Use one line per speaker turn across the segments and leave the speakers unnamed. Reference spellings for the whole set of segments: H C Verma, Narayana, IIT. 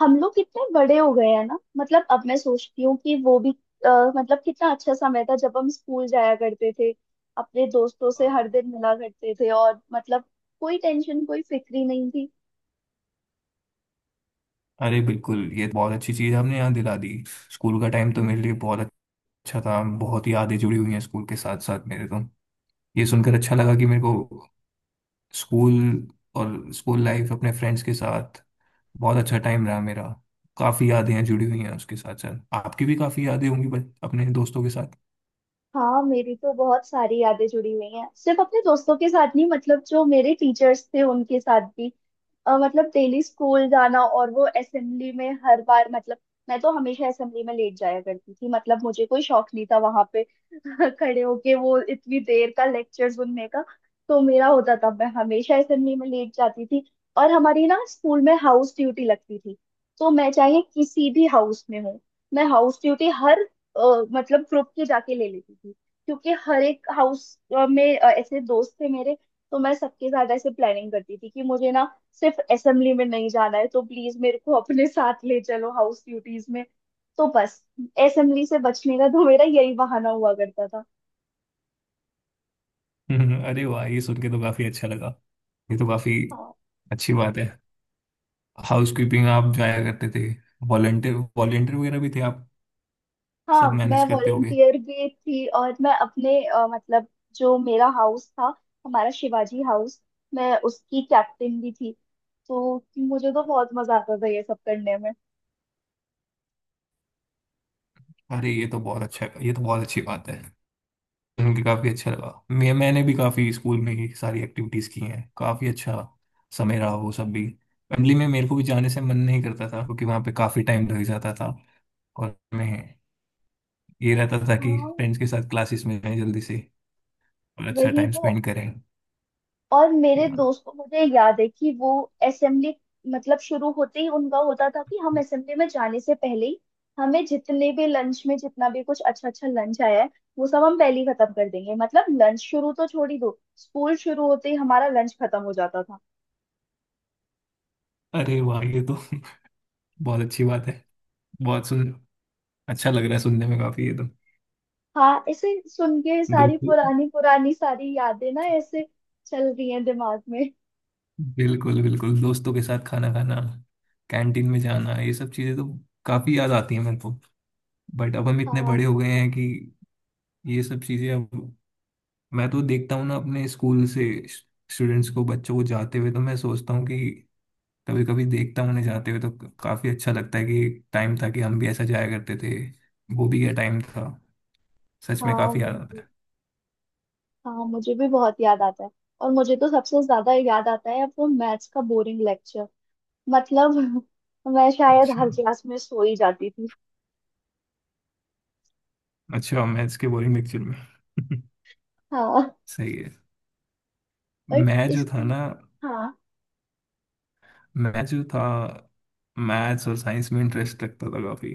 हम लोग कितने बड़े हो गए हैं ना। मतलब अब मैं सोचती हूँ कि वो भी अ, मतलब कितना अच्छा समय था जब हम स्कूल जाया करते थे, अपने दोस्तों से हर दिन मिला करते थे। और मतलब कोई टेंशन कोई फिक्री नहीं थी।
अरे बिल्कुल, ये तो बहुत अच्छी चीज़ आपने याद दिला दी। स्कूल का टाइम तो मेरे लिए बहुत अच्छा था, बहुत यादें जुड़ी हुई हैं स्कूल के साथ साथ मेरे तो। ये सुनकर अच्छा
हाँ।
लगा कि मेरे को स्कूल और स्कूल लाइफ अपने फ्रेंड्स के साथ बहुत अच्छा टाइम रहा मेरा। काफ़ी यादें हैं, जुड़ी हुई हैं उसके साथ साथ। आपकी भी काफ़ी यादें होंगी अपने दोस्तों के साथ।
हाँ, मेरी तो बहुत सारी यादें जुड़ी हुई हैं, सिर्फ अपने दोस्तों के साथ नहीं, मतलब जो मेरे टीचर्स थे उनके साथ भी। मतलब डेली स्कूल जाना और वो असेंबली में हर बार, मतलब मैं तो हमेशा असेंबली में लेट जाया करती थी। मतलब मुझे कोई शौक नहीं था वहां पे खड़े होके वो इतनी देर का लेक्चर सुनने का। तो मेरा होता था मैं हमेशा असेंबली में लेट जाती थी। और हमारी ना स्कूल में हाउस ड्यूटी लगती थी। तो मैं चाहे किसी भी हाउस में हूँ, मैं हाउस ड्यूटी हर अ, मतलब ग्रुप के जाके ले लेती थी। क्योंकि हर एक हाउस में ऐसे दोस्त थे मेरे। तो मैं सबके साथ ऐसे प्लानिंग करती थी कि मुझे ना सिर्फ असेंबली में नहीं जाना है तो प्लीज मेरे को अपने साथ ले चलो हाउस ड्यूटीज में। तो बस, असेंबली से बचने का तो मेरा यही बहाना हुआ करता था।
अरे वाह, ये सुन के तो काफ़ी अच्छा लगा। ये तो काफ़ी
हाँ।
अच्छी बात है। हाउस कीपिंग आप जाया करते थे? वॉलंटियर वॉलंटियर वगैरह भी थे आप? सब
हाँ,
मैनेज
मैं
करते होगे।
वॉलेंटियर भी थी और मैं अपने मतलब जो मेरा हाउस था, हमारा शिवाजी हाउस, मैं उसकी कैप्टन भी थी। तो मुझे तो बहुत मजा आता था ये सब करने में।
अरे ये तो बहुत अच्छा, ये तो बहुत अच्छी बात है। सुन के काफी अच्छा लगा। मैंने भी काफी स्कूल में ही सारी एक्टिविटीज की हैं। काफी अच्छा समय रहा वो सब भी। फैमिली में मेरे को भी जाने से मन नहीं करता था, क्योंकि वहाँ पे काफी टाइम लग जाता था। और मैं, ये रहता था कि
हाँ,
फ्रेंड्स के साथ क्लासेस में जाएं जल्दी से और अच्छा
वही
टाइम
तो।
स्पेंड करें।
और मेरे
या
दोस्त को मुझे याद है कि वो असेंबली, मतलब शुरू होते ही उनका होता था कि हम असेंबली में जाने से पहले ही हमें जितने भी लंच में जितना भी कुछ अच्छा अच्छा लंच आया है वो सब हम पहले ही खत्म कर देंगे। मतलब लंच शुरू तो छोड़ ही दो, स्कूल शुरू होते ही हमारा लंच खत्म हो जाता था।
अरे वाह, ये तो बहुत अच्छी बात है। बहुत सुन, अच्छा लग रहा है सुनने में काफी ये तो।
हाँ, ऐसे सुन के सारी
दोस्त,
पुरानी पुरानी सारी यादें ना ऐसे चल रही हैं दिमाग में।
बिल्कुल बिल्कुल, दोस्तों के साथ खाना खाना, कैंटीन में जाना, ये सब चीज़ें तो काफ़ी याद आती हैं मेरे को। बट अब हम इतने बड़े
हाँ।
हो गए हैं कि ये सब चीज़ें अब। मैं तो देखता हूँ ना अपने स्कूल से स्टूडेंट्स को, बच्चों को जाते हुए, तो मैं सोचता हूँ कि कभी कभी देखता हूँ उन्हें जाते हुए तो काफ़ी अच्छा लगता है कि टाइम था कि हम भी ऐसा जाया करते थे। वो भी क्या टाइम था, सच में
हाँ,
काफ़ी याद आता
वही।
है।
हाँ, मुझे भी बहुत याद आता है। और मुझे तो सबसे ज्यादा याद आता है वो मैथ्स का बोरिंग लेक्चर। मतलब मैं शायद
अच्छा,
हर क्लास में सो ही जाती थी।
अच्छा, मैथ्स के बोरिंग लेक्चर में।
हाँ।
सही है।
और
मैं जो
इस
था ना
हाँ।
मैं जो था मैथ्स और साइंस में इंटरेस्ट रखता था काफी,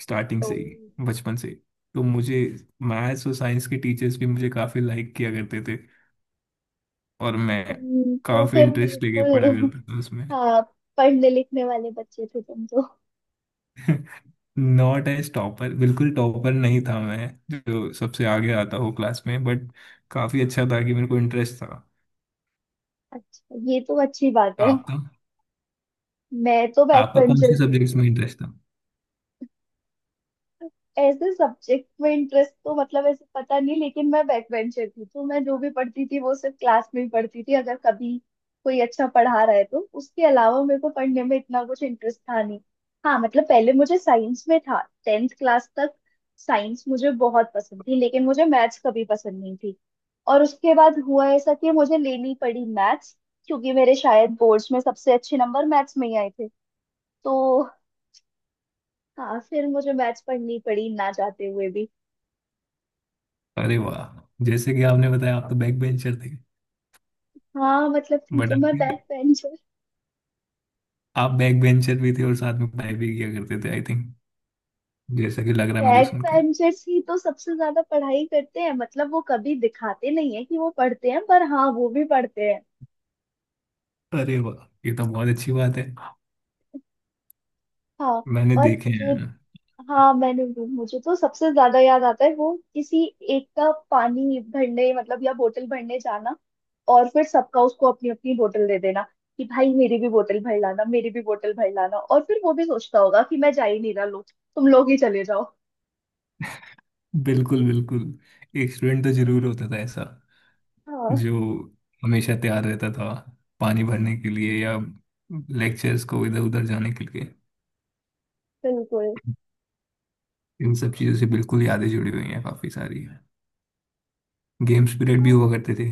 स्टार्टिंग
तो
से ही, बचपन से ही। तो मुझे मैथ्स और साइंस के टीचर्स भी मुझे काफी लाइक किया करते थे, और मैं
तुम तो
काफी
फिर
इंटरेस्ट लेके पढ़ा
बिल्कुल
करता था उसमें।
हाँ, पढ़ने लिखने वाले बच्चे थे तुम तो।
नॉट एज टॉपर, बिल्कुल टॉपर नहीं था मैं जो सबसे आगे आता हो क्लास में, बट काफी अच्छा था कि मेरे को इंटरेस्ट था।
अच्छा, ये तो अच्छी बात है।
आपका
मैं तो बैक
आपका कौन से
बेंचर थी।
सब्जेक्ट्स में इंटरेस्ट था?
ऐसे सब्जेक्ट में इंटरेस्ट तो मतलब ऐसे पता नहीं, लेकिन मैं बैक बेंचर थी तो मैं जो भी पढ़ती थी वो सिर्फ क्लास में ही पढ़ती थी। अगर कभी कोई अच्छा पढ़ा रहा है तो उसके अलावा मेरे को पढ़ने में इतना कुछ इंटरेस्ट था नहीं। हाँ, मतलब पहले मुझे साइंस में था 10th क्लास तक। साइंस मुझे बहुत पसंद थी लेकिन मुझे मैथ्स कभी पसंद नहीं थी। और उसके बाद हुआ ऐसा कि मुझे लेनी पड़ी मैथ्स, क्योंकि मेरे शायद बोर्ड्स में सबसे अच्छे नंबर मैथ्स में ही आए थे। तो हाँ, फिर मुझे मैथ्स पढ़नी पड़ी ना चाहते हुए भी।
अरे वाह, जैसे कि आपने बताया आप तो बैक बेंचर थे,
हाँ, मतलब थी
बट
तो मैं
आपके,
बैक बेंचर।
आप बैक बेंचर भी थे और साथ में पढ़ाई भी किया करते थे आई थिंक, जैसा कि लग रहा है मुझे
बैक
सुनकर।
बेंचर्स ही तो सबसे ज्यादा पढ़ाई करते हैं, मतलब वो कभी दिखाते नहीं है कि वो पढ़ते हैं पर हाँ वो भी पढ़ते हैं।
अरे वाह, ये तो बहुत अच्छी बात है।
हाँ।
मैंने
और
देखे
जो
हैं।
हाँ, मैंने मुझे तो सबसे ज्यादा याद आता है वो किसी एक का पानी भरने, मतलब या बोतल भरने जाना। और फिर सबका उसको अपनी अपनी बोतल दे देना कि भाई मेरी भी बोतल भर लाना, मेरी भी बोतल भर लाना। और फिर वो भी सोचता होगा कि मैं जा ही नहीं रहा, लो तुम लोग ही चले जाओ।
बिल्कुल बिल्कुल, एक स्टूडेंट तो जरूर होता था ऐसा
हाँ।
जो हमेशा तैयार रहता था पानी भरने के लिए या लेक्चर्स को इधर उधर जाने के लिए।
बिल्कुल।
इन सब चीज़ों से बिल्कुल यादें जुड़ी हुई हैं काफ़ी सारी। गेम्स पीरियड भी हुआ करते थे।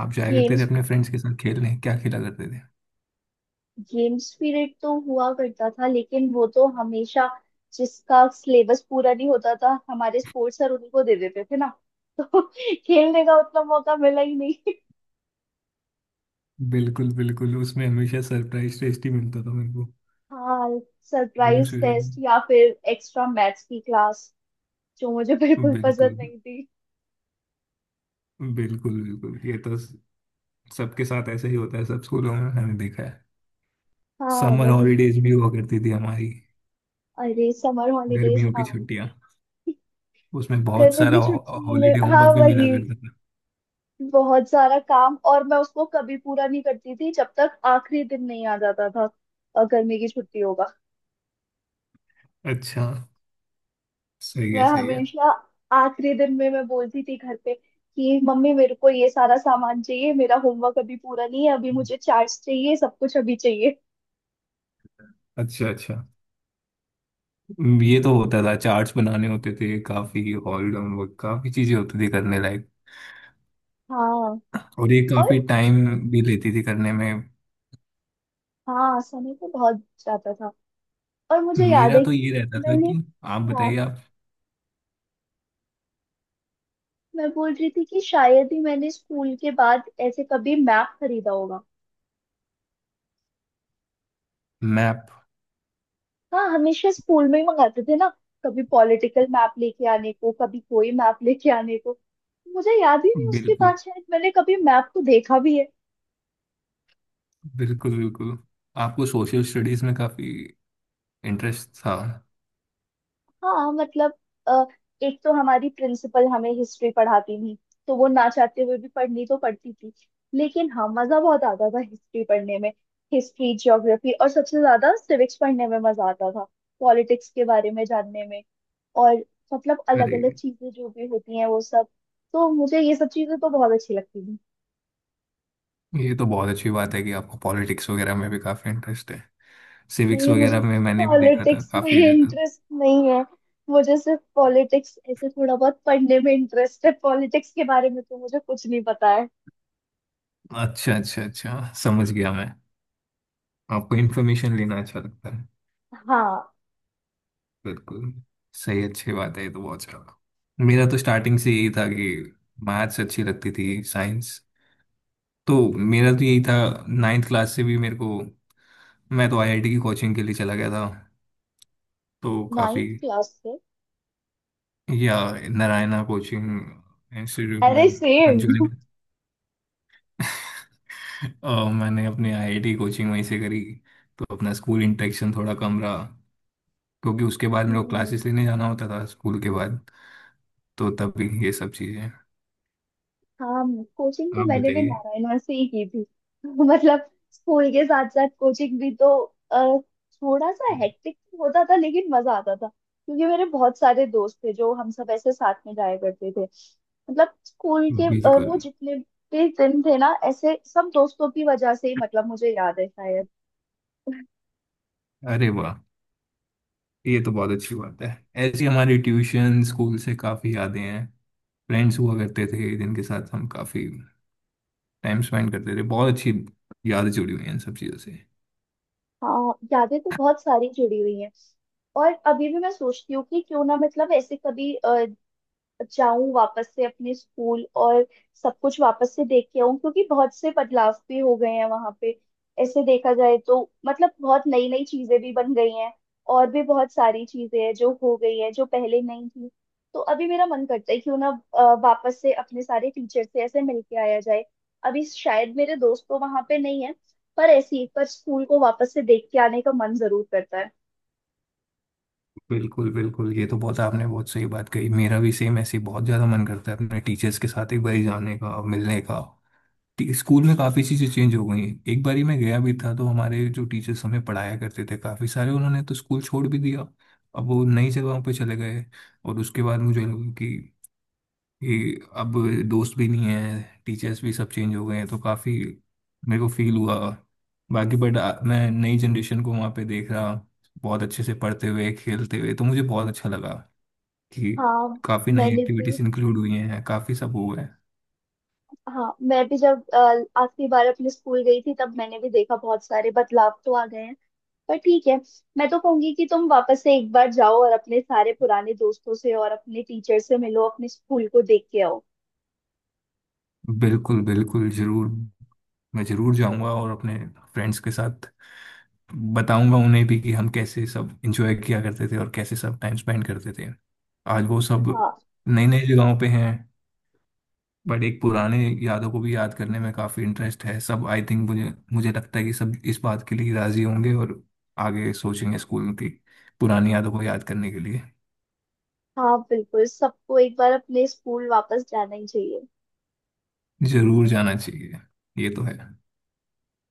आप जाया
हाँ,
करते थे अपने फ्रेंड्स के साथ खेलने? क्या खेला करते थे?
गेम्स पीरियड तो हुआ करता था लेकिन वो तो हमेशा जिसका सिलेबस पूरा नहीं होता था हमारे स्पोर्ट्स सर उन्हीं को दे देते थे ना। तो खेलने का उतना मौका मिला ही नहीं।
बिल्कुल बिल्कुल, उसमें हमेशा सरप्राइज टेस्ट ही मिलता था मेरे को।
हाँ,
भीम
सरप्राइज
सूरन।
टेस्ट या फिर एक्स्ट्रा मैथ्स की क्लास जो मुझे बिल्कुल पसंद
बिल्कुल,
नहीं थी।
बिल्कुल बिल्कुल, ये तो सबके साथ ऐसे ही होता है, सब स्कूलों में मैंने देखा है।
हाँ,
समर
वही।
हॉलीडेज भी हुआ करती थी हमारी,
अरे समर हॉलीडेज,
गर्मियों की
हाँ।
छुट्टियां। उसमें बहुत
गर्मी
सारा
की छुट्टियों में,
हॉलीडे
हाँ,
होमवर्क भी मिला
वही,
करता था।
बहुत सारा काम, और मैं उसको कभी पूरा नहीं करती थी जब तक आखिरी दिन नहीं आ जाता था गर्मी की छुट्टियों का।
अच्छा, सही है,
मैं
सही है।
हमेशा आखिरी दिन में मैं बोलती थी घर पे कि मम्मी मेरे को ये सारा सामान चाहिए, मेरा होमवर्क अभी पूरा नहीं है, अभी मुझे चार्ट्स चाहिए, सब कुछ अभी चाहिए।
अच्छा अच्छा, ये तो होता था, चार्ट्स बनाने होते थे, काफी ऑल होमवर्क, काफी चीजें होती थी करने लायक,
हाँ।
और ये
और
काफी टाइम भी लेती थी करने में।
हाँ, समय तो बहुत जाता था। और मुझे याद
मेरा
है
तो
कि
ये रहता था
मैंने,
कि आप
हाँ,
बताइए आप।
मैं बोल रही थी कि शायद ही मैंने स्कूल के बाद ऐसे कभी मैप खरीदा होगा।
मैप?
हाँ, हमेशा स्कूल में ही मंगाते थे ना। कभी पॉलिटिकल मैप लेके आने को, कभी कोई मैप लेके आने को। मुझे याद ही नहीं उसके
बिल्कुल
बाद शायद मैंने कभी मैप को देखा भी है।
बिल्कुल बिल्कुल। आपको सोशल स्टडीज में काफी इंटरेस्ट था?
हाँ, मतलब अ, एक तो हमारी प्रिंसिपल हमें हिस्ट्री पढ़ाती थी तो वो ना चाहते हुए भी पढ़नी तो पड़ती थी। लेकिन हाँ, मजा बहुत आता था हिस्ट्री पढ़ने में। हिस्ट्री, ज्योग्राफी और सबसे ज्यादा सिविक्स पढ़ने में मजा आता था, पॉलिटिक्स के बारे में जानने में। और मतलब अलग
अरे,
अलग चीजें जो भी होती हैं वो सब, तो मुझे ये सब चीजें तो बहुत अच्छी लगती थी।
ये तो बहुत अच्छी बात है कि आपको पॉलिटिक्स वगैरह में भी काफी इंटरेस्ट है। सिविक्स
नहीं, मुझे
वगैरह में मैंने भी देखा था
पॉलिटिक्स में
काफी रहता।
इंटरेस्ट नहीं है। मुझे सिर्फ पॉलिटिक्स ऐसे थोड़ा बहुत पढ़ने में इंटरेस्ट है, पॉलिटिक्स के बारे में तो मुझे कुछ नहीं पता है।
अच्छा अच्छा, अच्छा समझ गया मैं। आपको इन्फॉर्मेशन लेना अच्छा लगता है।
हाँ।
बिल्कुल, सही, अच्छी बात है ये तो, बहुत अच्छा। मेरा तो स्टार्टिंग से यही था कि मैथ्स अच्छी लगती थी, साइंस, तो मेरा तो यही था। नाइन्थ क्लास से भी मेरे को, मैं तो आईआईटी की कोचिंग के लिए चला गया था, तो काफी।
नाइन्थ क्लास से?
या नारायणा कोचिंग इंस्टीट्यूट में
अरे सेम।
ज्वाइन। और मैंने अपनी आईआईटी कोचिंग वहीं से करी, तो अपना स्कूल इंटरेक्शन थोड़ा कम रहा, क्योंकि उसके बाद मेरे को क्लासेस लेने जाना होता था स्कूल के बाद। तो तभी ये सब चीज़ें।
हाँ, कोचिंग तो
आप
मैंने भी
बताइए।
नारायणा से ही की थी। मतलब स्कूल के साथ साथ कोचिंग भी तो अ, थोड़ा सा हेक्टिक होता था, लेकिन मजा आता था क्योंकि मेरे बहुत सारे दोस्त थे जो हम सब ऐसे साथ में जाया करते थे। मतलब स्कूल के
बिल्कुल,
वो जितने भी दिन थे ना ऐसे सब दोस्तों की वजह से ही, मतलब मुझे याद है शायद।
अरे वाह, ये तो बहुत अच्छी बात है। ऐसी हमारी ट्यूशन स्कूल से काफ़ी यादें हैं। फ्रेंड्स हुआ करते थे जिनके साथ हम काफ़ी टाइम स्पेंड करते थे। बहुत अच्छी यादें जुड़ी हुई हैं इन सब चीज़ों से।
हाँ, यादें तो बहुत सारी जुड़ी हुई हैं। और अभी भी मैं सोचती हूँ कि क्यों ना, मतलब ऐसे कभी जाऊं वापस से अपने स्कूल और सब कुछ वापस से देख के आऊं, क्योंकि बहुत से बदलाव भी हो गए हैं वहां पे ऐसे देखा जाए तो। मतलब बहुत नई नई चीजें भी बन गई हैं, और भी बहुत सारी चीजें हैं जो हो गई हैं जो पहले नहीं थी। तो अभी मेरा मन करता है क्यों ना वापस से अपने सारे टीचर से ऐसे मिलके आया जाए। अभी शायद मेरे दोस्त तो वहां पे नहीं है पर ऐसी पर स्कूल को वापस से देख के आने का मन जरूर करता है।
बिल्कुल बिल्कुल, ये तो बहुत, आपने बहुत सही बात कही। मेरा भी सेम ऐसे ही बहुत ज़्यादा मन करता है अपने टीचर्स के साथ एक बार जाने का, मिलने का। स्कूल में काफ़ी चीज़ें चेंज हो गई हैं। एक बारी मैं गया भी था तो हमारे जो टीचर्स हमें पढ़ाया करते थे काफ़ी सारे उन्होंने तो स्कूल छोड़ भी दिया, अब वो नई जगहों पे चले गए। और उसके बाद मुझे लगा कि अब दोस्त भी नहीं है, टीचर्स भी सब चेंज हो गए हैं, तो काफ़ी मेरे को फील हुआ। बाकी बट मैं नई जनरेशन को वहाँ पे देख रहा बहुत अच्छे से पढ़ते हुए, खेलते हुए, तो मुझे बहुत अच्छा लगा कि
हाँ।
काफ़ी नई
मैंने भी,
एक्टिविटीज इंक्लूड हुई हैं, काफ़ी सब हुआ है।
हाँ, मैं भी जब आखिरी बार अपने स्कूल गई थी तब मैंने भी देखा बहुत सारे बदलाव तो आ गए हैं। पर ठीक है, मैं तो कहूंगी कि तुम वापस से एक बार जाओ और अपने सारे पुराने दोस्तों से और अपने टीचर से मिलो, अपने स्कूल को देख के आओ।
बिल्कुल बिल्कुल, ज़रूर। मैं ज़रूर जाऊँगा और अपने फ्रेंड्स के साथ बताऊंगा उन्हें भी कि हम कैसे सब इंजॉय किया करते थे और कैसे सब टाइम स्पेंड करते थे। आज वो सब
हाँ।
नई नई जगहों पे हैं, बट एक पुराने यादों को भी याद करने में काफी इंटरेस्ट है सब आई थिंक, मुझे मुझे लगता है कि सब इस बात के लिए राजी होंगे और आगे सोचेंगे स्कूल की पुरानी यादों को याद करने के लिए।
हाँ, बिल्कुल, सबको एक बार अपने स्कूल वापस जाना ही चाहिए।
जरूर जाना चाहिए, ये तो है।